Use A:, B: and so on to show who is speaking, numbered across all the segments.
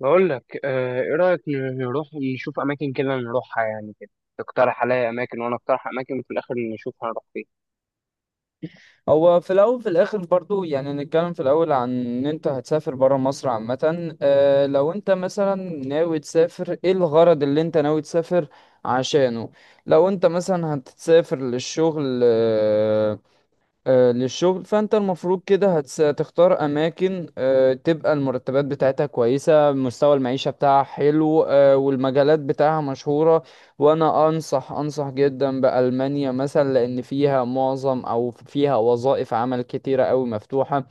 A: بقول لك آه، ايه رأيك نروح نشوف اماكن كده نروحها كده. تقترح عليا اماكن وانا اقترح اماكن وفي الاخر نشوف هنروح فين.
B: هو في الأول في الآخر برضو يعني نتكلم في الأول عن إن أنت هتسافر برا مصر عامة. لو أنت مثلا ناوي تسافر إيه الغرض اللي أنت ناوي تسافر عشانه. لو أنت مثلا هتسافر للشغل، للشغل فانت المفروض كده هتختار اماكن، تبقى المرتبات بتاعتها كويسة، مستوى المعيشة بتاعها حلو، والمجالات بتاعها مشهورة. وانا انصح جدا بألمانيا مثلا لان فيها معظم او فيها وظائف عمل كتيرة قوي مفتوحة.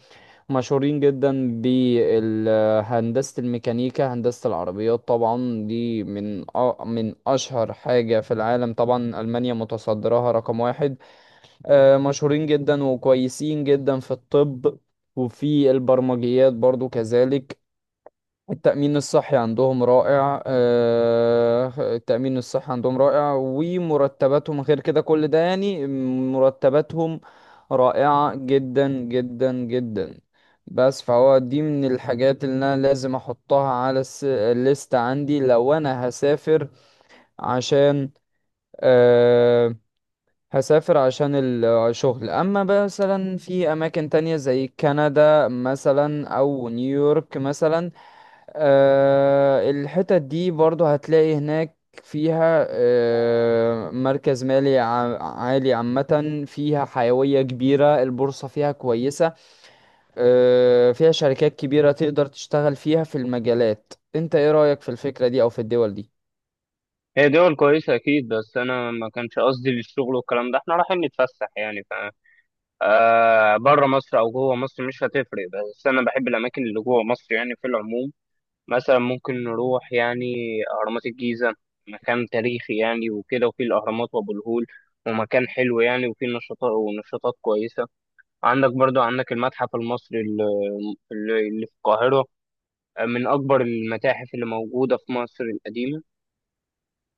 B: مشهورين جدا بهندسة الميكانيكا، هندسة العربيات، طبعا دي من من اشهر حاجة في العالم. طبعا ألمانيا متصدرها رقم واحد. مشهورين جدا وكويسين جدا في الطب، وفي البرمجيات برضو كذلك. التأمين الصحي عندهم رائع، التأمين الصحي عندهم رائع، ومرتباتهم غير كده كل ده يعني، مرتباتهم رائعة جدا جدا جدا. بس فهو دي من الحاجات اللي انا لازم احطها على الليست عندي لو انا هسافر عشان، آه، هسافر عشان الشغل. اما مثلا في اماكن تانية زي كندا مثلا او نيويورك مثلا، الحتت دي برضو هتلاقي هناك فيها، مركز مالي عالي، عامة فيها حيوية كبيرة، البورصة فيها كويسة، فيها شركات كبيرة تقدر تشتغل فيها في المجالات. انت ايه رأيك في الفكرة دي او في الدول دي؟
A: هي دول كويسة اكيد، بس انا ما كانش قصدي للشغل والكلام ده، احنا رايحين نتفسح يعني ف آه، بره مصر او جوه مصر مش هتفرق، بس انا بحب الاماكن اللي جوه مصر يعني في العموم. مثلا ممكن نروح يعني اهرامات الجيزة، مكان تاريخي يعني وكده، وفي الاهرامات وابو الهول، ومكان حلو يعني وفيه نشاطات، ونشاطات كويسة. عندك برضو، عندك المتحف المصري اللي في القاهرة، من أكبر المتاحف اللي موجودة في مصر القديمة،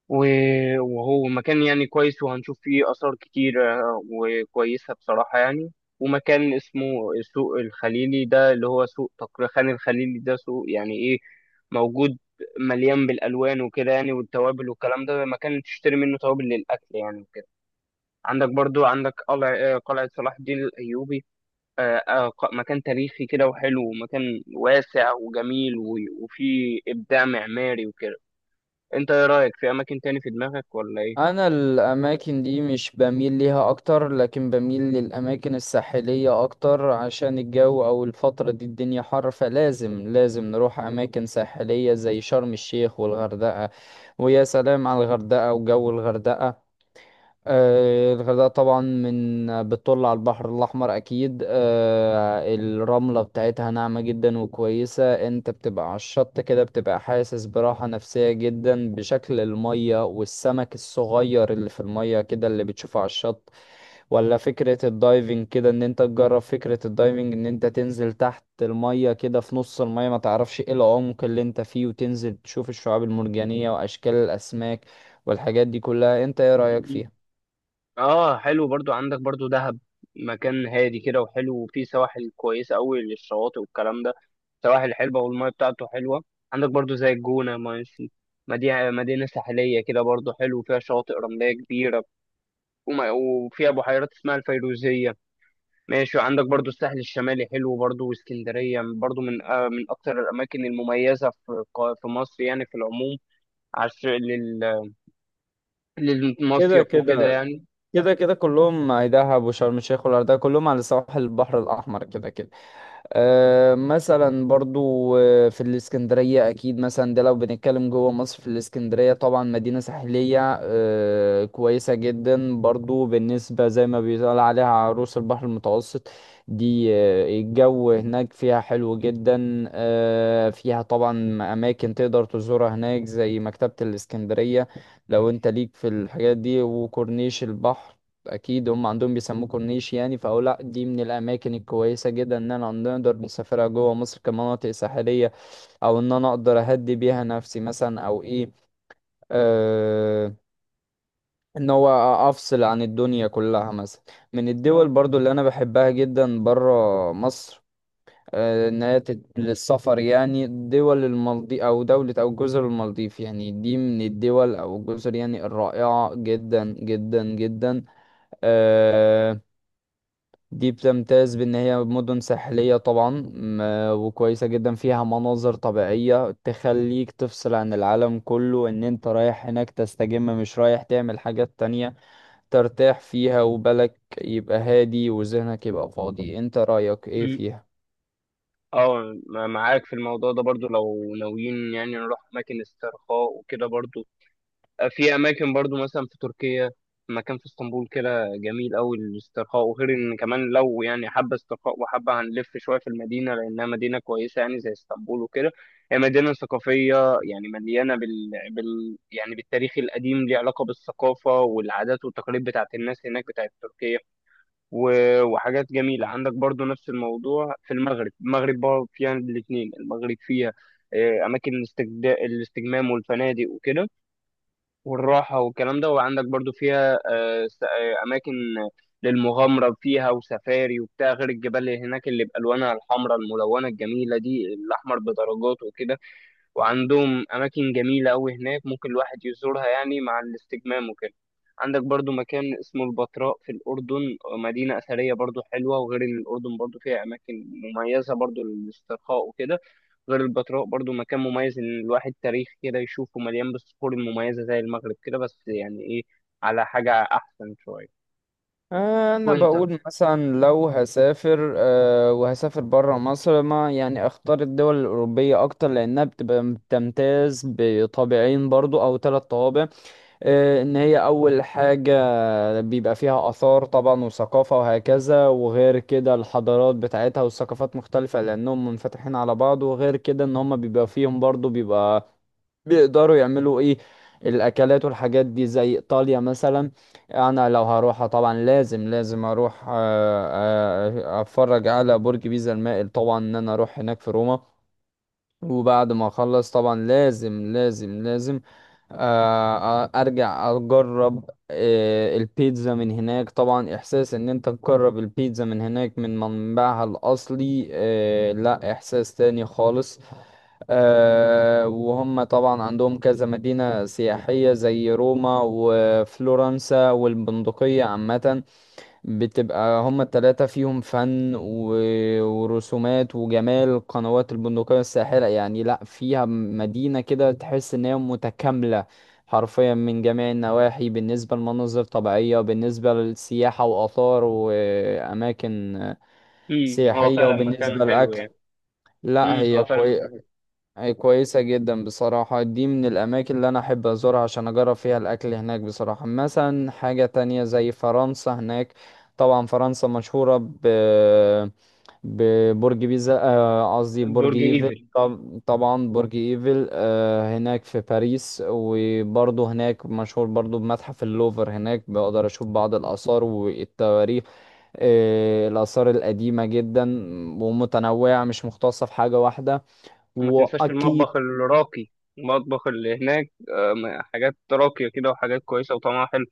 A: وهو مكان يعني كويس، وهنشوف فيه آثار كتير آه، وكويسة بصراحة يعني. ومكان اسمه سوق الخليلي، ده اللي هو سوق تقريبا خان الخليلي، ده سوق يعني إيه، موجود مليان بالألوان وكده يعني، والتوابل والكلام ده، مكان تشتري منه توابل للأكل يعني وكده. عندك برضو، عندك قلعة صلاح الدين الأيوبي، مكان تاريخي كده وحلو، ومكان واسع وجميل، وفيه إبداع معماري وكده. انت ايه رأيك في اماكن تاني في دماغك ولا ايه؟
B: انا الاماكن دي مش بميل ليها اكتر، لكن بميل للاماكن الساحلية اكتر عشان الجو او الفترة دي الدنيا حر، فلازم نروح اماكن ساحلية زي شرم الشيخ والغردقة. ويا سلام على الغردقة وجو الغردقة. الغردقة طبعا من بتطل على البحر الأحمر أكيد. الرملة بتاعتها ناعمة جدا وكويسة، أنت بتبقى على الشط كده بتبقى حاسس براحة نفسية جدا بشكل المية والسمك الصغير اللي في المية كده اللي بتشوفه على الشط. ولا فكرة الدايفنج كده، إن أنت تجرب فكرة الدايفنج، إن أنت تنزل تحت المية كده في نص المية ما تعرفش إيه العمق اللي أنت فيه، وتنزل تشوف الشعاب المرجانية وأشكال الأسماك والحاجات دي كلها. أنت إيه رأيك
A: مم.
B: فيها؟
A: اه، حلو. برضو عندك برضو دهب، مكان هادي كده وحلو، وفيه سواحل كويسة قوي للشواطئ والكلام ده، سواحل حلوة والمية بتاعته حلوة. عندك برضو زي الجونة، ماشي، مدينة ساحلية كده برضو حلو، فيها شواطئ رملية كبيرة، وفيها بحيرات اسمها الفيروزية. ماشي، وعندك برضو الساحل الشمالي حلو برضو، واسكندرية برضو من آه، من أكتر الأماكن المميزة في في مصر يعني في العموم، عشان
B: كده
A: للمصيف وكده
B: كده،
A: يعني.
B: كده كده كلهم دهب وشرم الشيخ والغردقة كلهم على سواحل البحر الأحمر كده كده. مثلا برضو، في الإسكندرية أكيد، مثلا ده لو بنتكلم جوه مصر. في الإسكندرية طبعا مدينة ساحلية، كويسة جدا برضو، بالنسبة زي ما بيقال عليها عروس البحر المتوسط. دي الجو هناك فيها حلو جدا، فيها طبعا أماكن تقدر تزورها هناك زي مكتبة الإسكندرية لو أنت ليك في الحاجات دي، وكورنيش البحر، اكيد هم عندهم بيسموه كورنيش يعني. فاقول لا، دي من الاماكن الكويسه جدا ان انا نقدر نسافرها جوه مصر كمناطق ساحليه، او ان انا اقدر اهدي بيها نفسي مثلا او ايه، آه، ان هو افصل عن الدنيا كلها مثلا. من الدول
A: اه،
B: برضو اللي انا بحبها جدا بره مصر، إن هي للسفر يعني، دول المالديف أو دولة أو جزر المالديف، يعني دي من الدول أو الجزر يعني الرائعة جدا جدا جدا. آه، دي بتمتاز بان هي مدن ساحلية طبعا، م- وكويسة جدا، فيها مناظر طبيعية تخليك تفصل عن العالم كله، ان انت رايح هناك تستجم مش رايح تعمل حاجات تانية، ترتاح فيها وبالك يبقى هادي وذهنك يبقى فاضي. انت رأيك ايه
A: م-
B: فيها؟
A: معاك في الموضوع ده برضو. لو ناويين يعني نروح أماكن استرخاء وكده برضو، في اماكن برضو مثلا في تركيا، مكان في اسطنبول كده جميل قوي للاسترخاء، وغير ان كمان لو يعني حابه استرخاء وحابه هنلف شويه في المدينه، لانها مدينه كويسه يعني زي اسطنبول وكده. هي مدينه ثقافيه يعني مليانه بال... بال يعني بالتاريخ القديم، ليه علاقه بالثقافه والعادات والتقاليد بتاعت الناس هناك بتاعت تركيا. و... وحاجات جميله. عندك برضو نفس الموضوع في المغرب، المغرب برضو فيها الاثنين، المغرب فيها آه، اماكن الاستجمام والفنادق وكده، والراحة والكلام ده، وعندك برضو فيها أماكن للمغامرة فيها وسفاري وبتاع، غير الجبال اللي هناك اللي بألوانها الحمراء الملونة الجميلة دي، الأحمر بدرجات وكده، وعندهم أماكن جميلة أوي هناك ممكن الواحد يزورها يعني مع الاستجمام وكده. عندك برضو مكان اسمه البتراء في الأردن، مدينة أثرية برضو حلوة، وغير إن الأردن برضو فيها أماكن مميزة برضو للاسترخاء وكده. غير البتراء برضو مكان مميز ان الواحد تاريخ كده يشوفه، مليان بالصخور المميزه زي المغرب كده، بس يعني ايه، على حاجه احسن شويه.
B: انا
A: وانت؟
B: بقول مثلا لو هسافر، وهسافر برا مصر ما يعني اختار الدول الاوروبيه اكتر، لانها بتبقى بتمتاز بطابعين برضو او ثلاث طوابع. ان هي اول حاجة بيبقى فيها اثار طبعا وثقافة وهكذا، وغير كده الحضارات بتاعتها والثقافات مختلفة لانهم منفتحين على بعض، وغير كده ان هم بيبقى فيهم برضو بيبقى بيقدروا يعملوا ايه الاكلات والحاجات دي، زي ايطاليا مثلا. انا لو هروحها طبعا لازم اروح اتفرج على برج بيزا المائل، طبعا ان انا اروح هناك في روما. وبعد ما اخلص طبعا لازم ارجع اجرب، البيتزا من هناك طبعا. احساس ان انت تجرب البيتزا من هناك من منبعها الاصلي، لا احساس تاني خالص. وهم طبعا عندهم كذا مدينة سياحية زي روما وفلورنسا والبندقية عامة. بتبقى هما التلاتة فيهم ورسومات وجمال قنوات البندقية الساحرة، يعني لأ فيها مدينة كده تحس إن هي متكاملة حرفيا من جميع النواحي، بالنسبة لمناظر طبيعية وبالنسبة للسياحة وآثار وأماكن
A: امم، هو
B: سياحية
A: فعلا
B: وبالنسبة
A: مكان حلو
B: للأكل.
A: يعني.
B: لأ
A: امم، هو
B: هي
A: فعلا مكان
B: كويسة،
A: حلو.
B: أي كويسة جدا بصراحة. دي من الأماكن اللي أنا أحب أزورها عشان أجرب فيها الأكل هناك بصراحة. مثلا حاجة تانية زي فرنسا هناك، طبعا فرنسا مشهورة ببرج بيزا، قصدي برج
A: برج
B: إيفل.
A: ايفل،
B: طبعا برج إيفل هناك في باريس. وبرضه هناك مشهور برضه بمتحف اللوفر، هناك بقدر أشوف بعض الآثار والتواريخ، الآثار القديمة جدا ومتنوعة مش مختصة في حاجة واحدة.
A: ما تنساش
B: وأكيد
A: المطبخ الراقي، المطبخ اللي هناك آه، حاجات راقيه كده وحاجات كويسه وطعمها حلو.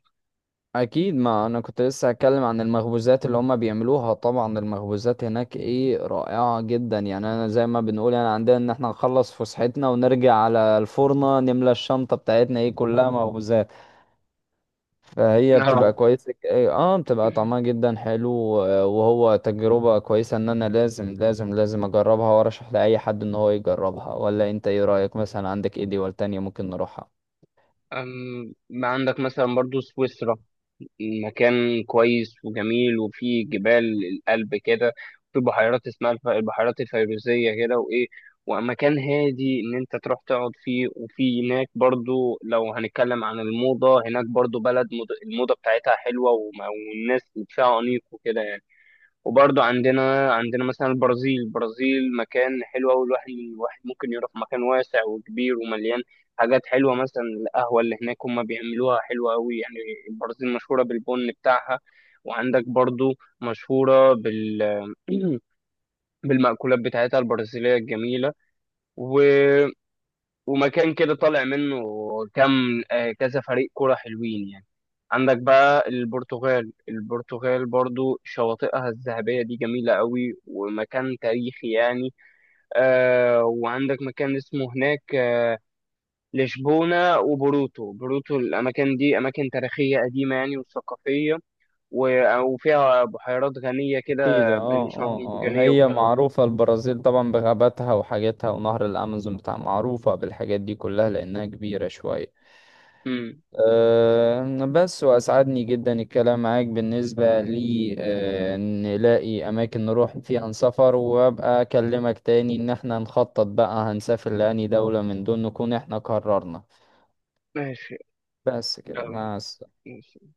B: اكيد ما انا كنت لسه هتكلم عن المخبوزات اللي هم بيعملوها. طبعا المخبوزات هناك ايه رائعة جدا، يعني انا زي ما بنقول يعني عندنا ان احنا نخلص فسحتنا ونرجع على الفرنة نملى الشنطة بتاعتنا ايه كلها مخبوزات. فهي بتبقى
A: اه،
B: كويسة إيه، اه بتبقى طعمها جدا حلو، وهو تجربة كويسة ان انا لازم اجربها وارشح لاي حد ان هو يجربها. ولا انت ايه رأيك مثلا؟ عندك ايه دول تانية ممكن نروحها؟
A: أم، ما عندك مثلا برضو سويسرا، مكان كويس وجميل، وفيه جبال القلب كده، في بحيرات اسمها البحيرات الفيروزية كده وإيه، ومكان هادي إن أنت تروح تقعد فيه. وفي هناك برضو، لو هنتكلم عن الموضة، هناك برضو بلد الموضة بتاعتها حلوة والناس فيها أنيق وكده يعني. وبرضه عندنا، عندنا مثلا البرازيل، البرازيل مكان حلو أوي، الواحد ممكن يروح، مكان واسع وكبير ومليان حاجات حلوة. مثلا القهوة اللي هناك هما بيعملوها حلوة أوي يعني، البرازيل مشهورة بالبن بتاعها، وعندك برضه مشهورة بال بالمأكولات بتاعتها البرازيلية الجميلة. و... ومكان كده طالع منه كم آه، كذا فريق كرة حلوين يعني. عندك بقى البرتغال، البرتغال برضو شواطئها الذهبية دي جميلة قوي، ومكان تاريخي يعني. آه، وعندك مكان اسمه هناك آه، لشبونة وبوروتو، بوروتو، الأماكن دي أماكن تاريخية قديمة يعني وثقافية، وفيها بحيرات غنية
B: اكيد،
A: كده
B: اه
A: بالشعاب
B: اه اه
A: المرجانية
B: هي
A: والكلام ده.
B: معروفة البرازيل طبعا بغاباتها وحاجاتها ونهر الامازون بتاع، معروفة بالحاجات دي كلها لانها كبيرة شوية.
A: مم.
B: أه بس واسعدني جدا الكلام معاك. بالنسبة لي أه نلاقي اماكن نروح فيها نسافر، وابقى اكلمك تاني ان احنا نخطط بقى هنسافر لأني دولة من دول نكون احنا قررنا.
A: ماشي.
B: بس كده،
A: يلا،
B: مع السلامة.
A: ماشي.